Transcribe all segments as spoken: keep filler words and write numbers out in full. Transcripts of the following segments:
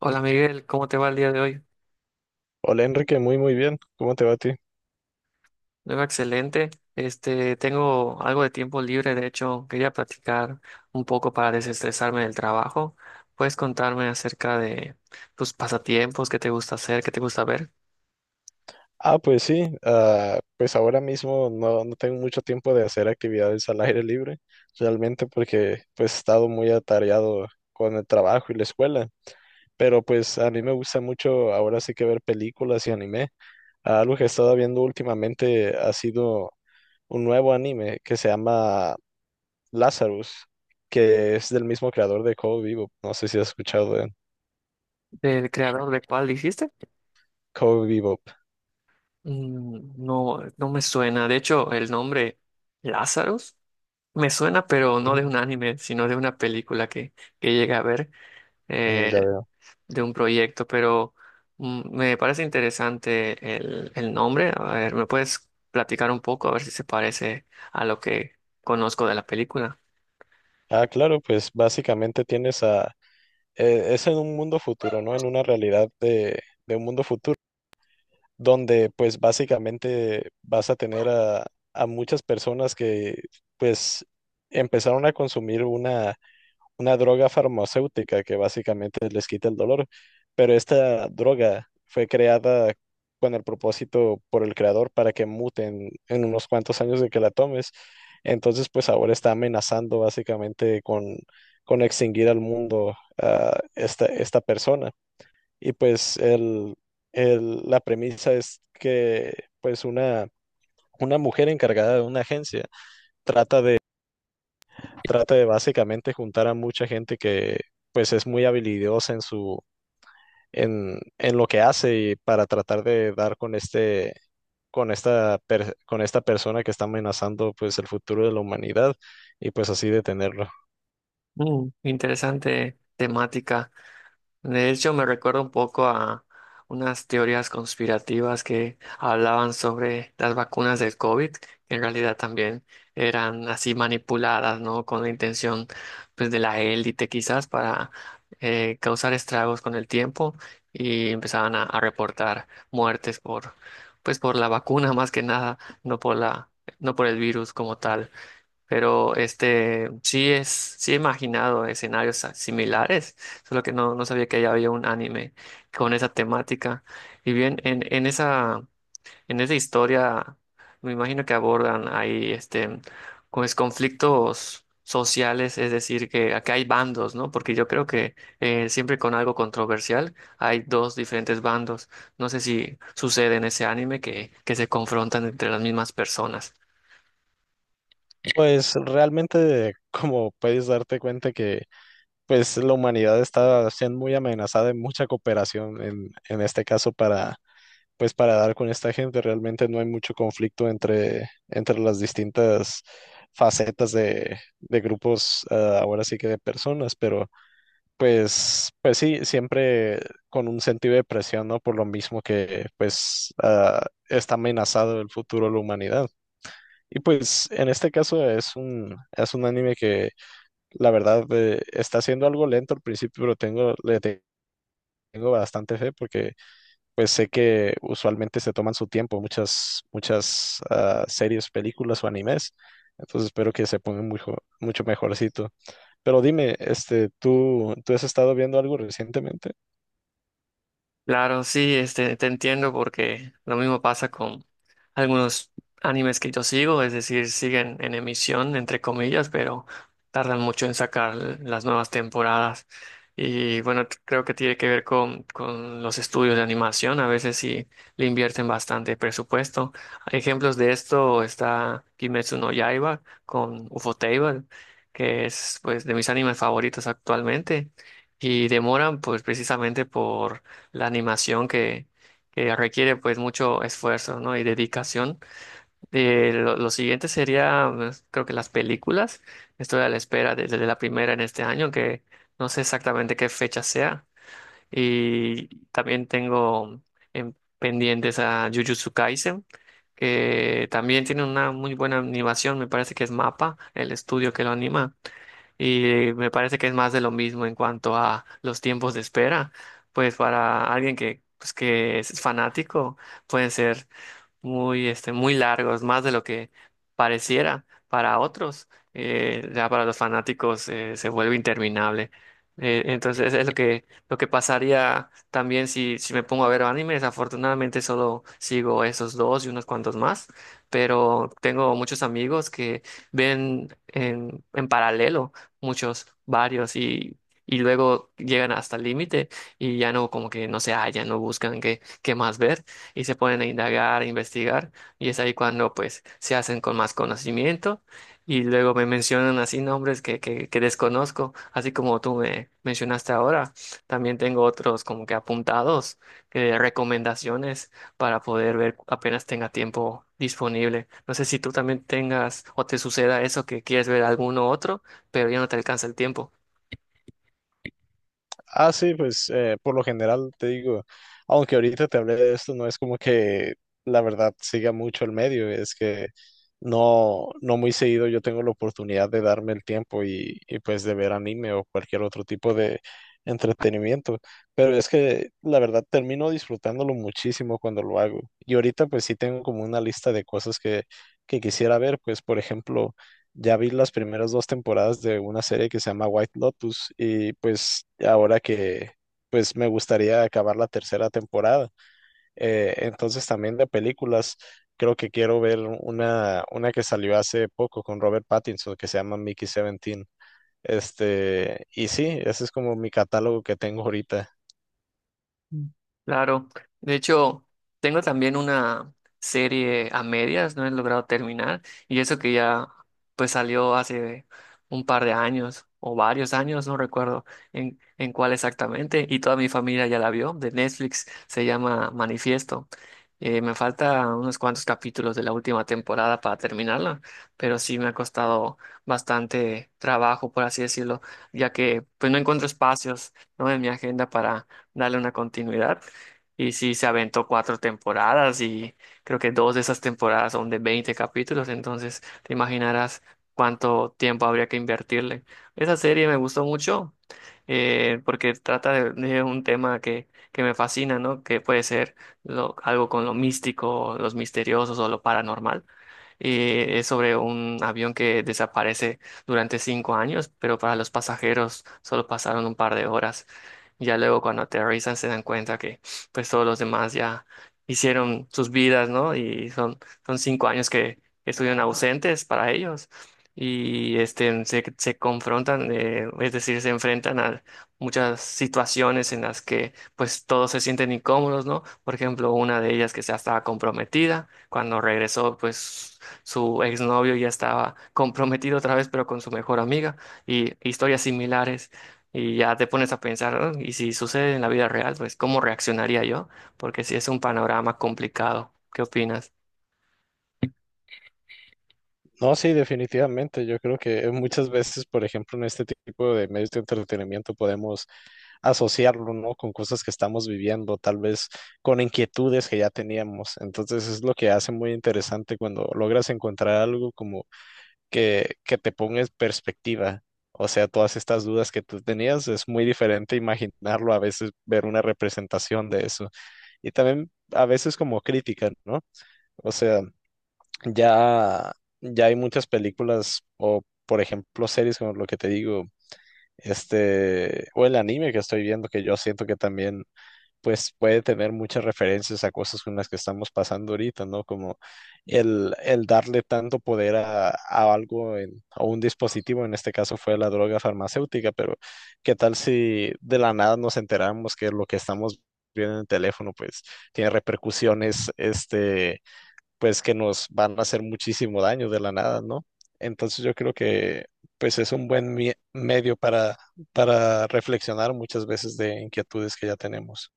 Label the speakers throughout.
Speaker 1: Hola Miguel, ¿cómo te va el día de hoy?
Speaker 2: Hola Enrique, muy muy bien. ¿Cómo te va a ti?
Speaker 1: Yo excelente. Este, tengo algo de tiempo libre, de hecho, quería platicar un poco para desestresarme del trabajo. ¿Puedes contarme acerca de tus pasatiempos, qué te gusta hacer, qué te gusta ver?
Speaker 2: Ah, pues sí, ah, pues ahora mismo no, no tengo mucho tiempo de hacer actividades al aire libre, realmente porque pues he estado muy atareado con el trabajo y la escuela, pero pues a mí me gusta mucho ahora sí que ver películas y anime. Ah, Algo que he estado viendo últimamente ha sido un nuevo anime que se llama Lazarus, que es del mismo creador de Code Bebop. No sé si has escuchado de
Speaker 1: ¿Del creador de cuál dijiste?
Speaker 2: Code Bebop.
Speaker 1: Mm, no, no me suena. De hecho, el nombre Lazarus me suena, pero no
Speaker 2: Ujú.
Speaker 1: de un anime, sino de una película que, que llegué a ver.
Speaker 2: Mm,
Speaker 1: Eh,
Speaker 2: ya.
Speaker 1: de un proyecto, pero mm, me parece interesante el, el nombre. A ver, ¿me puedes platicar un poco? A ver si se parece a lo que conozco de la película.
Speaker 2: Ah, claro, pues básicamente tienes a... eh, es en un mundo futuro, ¿no? En una realidad de, de un mundo futuro, donde pues básicamente vas a tener a, a muchas personas que pues empezaron a consumir una una droga farmacéutica que básicamente les quita el dolor, pero esta droga fue creada con el propósito por el creador para que muten en unos cuantos años de que la tomes. Entonces, pues ahora está amenazando básicamente con, con extinguir al mundo a esta, esta persona. Y pues el, el- la premisa es que pues una, una mujer encargada de una agencia trata de trata de básicamente juntar a mucha gente que pues es muy habilidosa en su en, en lo que hace, y para tratar de dar con este con esta per- con esta persona que está amenazando pues el futuro de la humanidad, y pues así detenerlo.
Speaker 1: Mm, interesante temática. De hecho, me recuerda un poco a unas teorías conspirativas que hablaban sobre las vacunas del COVID, que en realidad también eran así manipuladas, ¿no? Con la intención, pues, de la élite quizás para eh, causar estragos con el tiempo y empezaban a, a reportar muertes por, pues, por la vacuna más que nada, no por la, no por el virus como tal. Pero este sí es, sí he imaginado escenarios a- similares, solo que no, no sabía que ya había un anime con esa temática. Y bien, en, en esa, en esa historia, me imagino que abordan ahí este pues conflictos sociales, es decir, que acá hay bandos, ¿no? Porque yo creo que eh, siempre con algo controversial hay dos diferentes bandos. No sé si sucede en ese anime que, que se confrontan entre las mismas personas.
Speaker 2: Pues realmente, como puedes darte cuenta que pues la humanidad está siendo muy amenazada, en mucha cooperación en en este caso para pues para dar con esta gente, realmente no hay mucho conflicto entre, entre las distintas facetas de, de grupos, ah, ahora sí que de personas, pero pues, pues sí, siempre con un sentido de presión, ¿no? Por lo mismo que pues ah, está amenazado el futuro de la humanidad. Y pues en este caso es un, es un anime que la verdad eh, está siendo algo lento al principio, pero tengo, le tengo bastante fe porque pues sé que usualmente se toman su tiempo muchas, muchas ah, series, películas o animes. Entonces espero que se pongan mucho, mucho mejorcito. Pero dime, este, ¿tú, tú has estado viendo algo recientemente?
Speaker 1: Claro, sí, este, te entiendo porque lo mismo pasa con algunos animes que yo sigo, es decir, siguen en emisión, entre comillas, pero tardan mucho en sacar las nuevas temporadas. Y bueno, t- creo que tiene que ver con, con los estudios de animación, a veces sí le invierten bastante presupuesto. Ejemplos de esto está Kimetsu no Yaiba con Ufotable, que es pues de mis animes favoritos actualmente, y demoran pues precisamente por la animación que, que requiere pues mucho esfuerzo, ¿no? Y dedicación. Eh, lo, lo siguiente sería, pues, creo que las películas. Estoy a la espera de- desde la primera en este año, que no sé exactamente qué fecha sea. Y también tengo en pendientes a Jujutsu Kaisen, que también tiene una muy buena animación, me parece que es MAPA, el estudio que lo anima y me parece que es más de lo mismo en cuanto a los tiempos de espera. Pues para alguien que, pues que es fanático, pueden ser muy, este, muy largos, más de lo que pareciera para otros. Eh, ya para los fanáticos eh, se vuelve interminable. Eh, entonces es lo que, lo que pasaría también si, si me pongo a ver anime. Desafortunadamente solo sigo esos dos y unos cuantos más, pero tengo muchos amigos que ven en, en paralelo muchos, varios y... Y luego llegan hasta el límite y ya no, como que no se hallan, no buscan qué, qué más ver y se ponen a indagar, a investigar, y es ahí cuando pues se hacen con más conocimiento y luego me mencionan así nombres que, que, que desconozco, así como tú me mencionaste ahora, también tengo otros como que apuntados, eh, recomendaciones para poder ver apenas tenga tiempo disponible. No sé si tú también tengas o te suceda eso que quieres ver alguno otro, pero ya no te alcanza el tiempo.
Speaker 2: Ah, sí, pues eh, por lo general te digo, aunque ahorita te hablé de esto, no es como que la verdad siga mucho el medio, es que no, no muy seguido yo tengo la oportunidad de darme el tiempo y, y pues de ver anime o cualquier otro tipo de entretenimiento, pero es que la verdad termino disfrutándolo muchísimo cuando lo hago. Y ahorita pues sí tengo como una lista de cosas que, que quisiera ver, pues por ejemplo... Ya vi las primeras dos temporadas de una serie que se llama White Lotus, y pues ahora que pues me gustaría acabar la tercera temporada. Eh, entonces también de películas, creo que quiero ver una, una que salió hace poco con Robert Pattinson que se llama Mickey diecisiete. Este, y sí, ese es como mi catálogo que tengo ahorita.
Speaker 1: Mm. Claro, de hecho, tengo también una serie a medias, no he logrado terminar, y eso que ya pues salió hace un par de años o varios años, no recuerdo en, en cuál exactamente, y toda mi familia ya la vio, de Netflix, se llama Manifiesto. Eh, me falta unos cuantos capítulos de la última temporada para terminarla, pero sí me ha costado bastante trabajo, por así decirlo, ya que pues no encuentro espacios, ¿no? En mi agenda para darle una continuidad. Y sí, se aventó cuatro temporadas y creo que dos de esas temporadas son de veinte capítulos, entonces te imaginarás cuánto tiempo habría que invertirle. Esa serie me gustó mucho eh, porque trata de, de un tema que, que me fascina, ¿no? Que puede ser lo- algo con lo místico, los misteriosos o lo paranormal. Eh, es sobre un avión que desaparece durante cinco años, pero para los pasajeros solo pasaron un par de horas. Ya luego cuando aterrizan se dan cuenta que pues todos los demás ya hicieron sus vidas, ¿no? Y son, son cinco años que estuvieron ausentes para ellos. Y este, se, se confrontan, eh, es decir, se enfrentan a muchas situaciones en las que pues todos se sienten incómodos, ¿no? Por ejemplo, una de ellas que ya estaba comprometida, cuando regresó pues su exnovio ya estaba comprometido otra vez, pero con su mejor amiga, y historias similares. Y ya te pones a pensar, "Ah, ¿y si sucede en la vida real, pues cómo reaccionaría yo? Porque sí es un panorama complicado. ¿Qué opinas?"
Speaker 2: No, sí, definitivamente. Yo creo que muchas veces, por ejemplo, en este tipo de medios de entretenimiento podemos asociarlo, ¿no? Con cosas que estamos viviendo, tal vez con inquietudes que ya teníamos. Entonces es lo que hace muy interesante cuando logras encontrar algo como que, que te ponga en perspectiva. O sea, todas estas dudas que tú tenías, es muy diferente imaginarlo, a veces ver una representación de eso. Y también a veces como crítica, ¿no? O sea, ya, ya hay muchas películas o, por ejemplo, series como lo que te digo, este, o el anime que estoy viendo, que yo siento que también pues puede tener muchas referencias a cosas con las que estamos pasando ahorita, ¿no? Como el, el darle tanto poder a, a algo, en- a un dispositivo, en este caso fue la droga farmacéutica, pero ¿qué tal si de la nada nos enteramos que lo que estamos viendo en el teléfono, pues tiene repercusiones, este, pues que nos van a hacer muchísimo daño de la nada, ¿no? Entonces yo creo que pues es un buen mie- medio para, para reflexionar muchas veces de inquietudes que ya tenemos.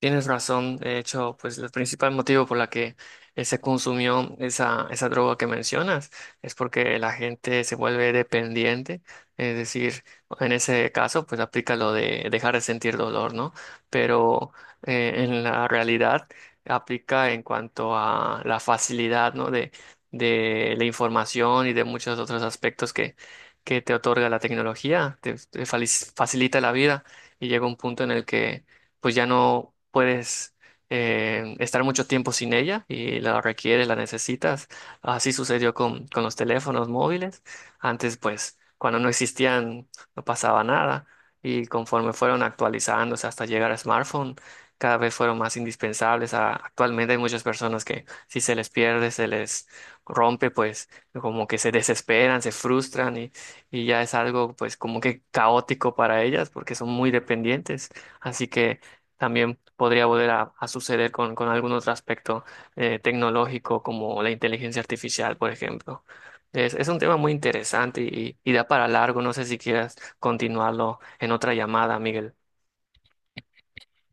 Speaker 1: Tienes razón, de hecho, pues el principal motivo por la que eh, se consumió esa, esa droga que mencionas es porque la gente se vuelve dependiente, es decir, en ese caso, pues aplica lo de dejar de sentir dolor, ¿no? Pero eh, en la realidad aplica en cuanto a la facilidad, ¿no? De, de la información y de muchos otros aspectos que, que te otorga la tecnología, te te fali- facilita la vida y llega un punto en el que pues ya no puedes eh, estar mucho tiempo sin ella y la requieres, la necesitas. Así sucedió con, con los teléfonos móviles. Antes, pues, cuando no existían, no pasaba nada. Y conforme fueron actualizándose hasta llegar a smartphone, cada vez fueron más indispensables. A- actualmente hay muchas personas que si se les pierde, se les rompe, pues como que se desesperan, se frustran y, y ya es algo pues como que caótico para ellas porque son muy dependientes. Así que también podría volver a, a suceder con, con algún otro aspecto eh, tecnológico como la inteligencia artificial, por ejemplo. Es, es un tema muy interesante y, y da para largo. No sé si quieras continuarlo en otra llamada, Miguel.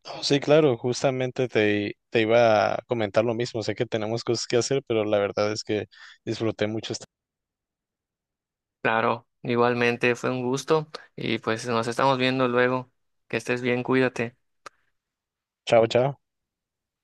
Speaker 2: Oh, Sí, claro, justamente te, te iba a comentar lo mismo. Sé que tenemos cosas que hacer, pero la verdad es que disfruté mucho. esta-
Speaker 1: Claro, igualmente fue un gusto y pues nos estamos viendo luego. Que estés bien, cuídate.
Speaker 2: Chao, chao.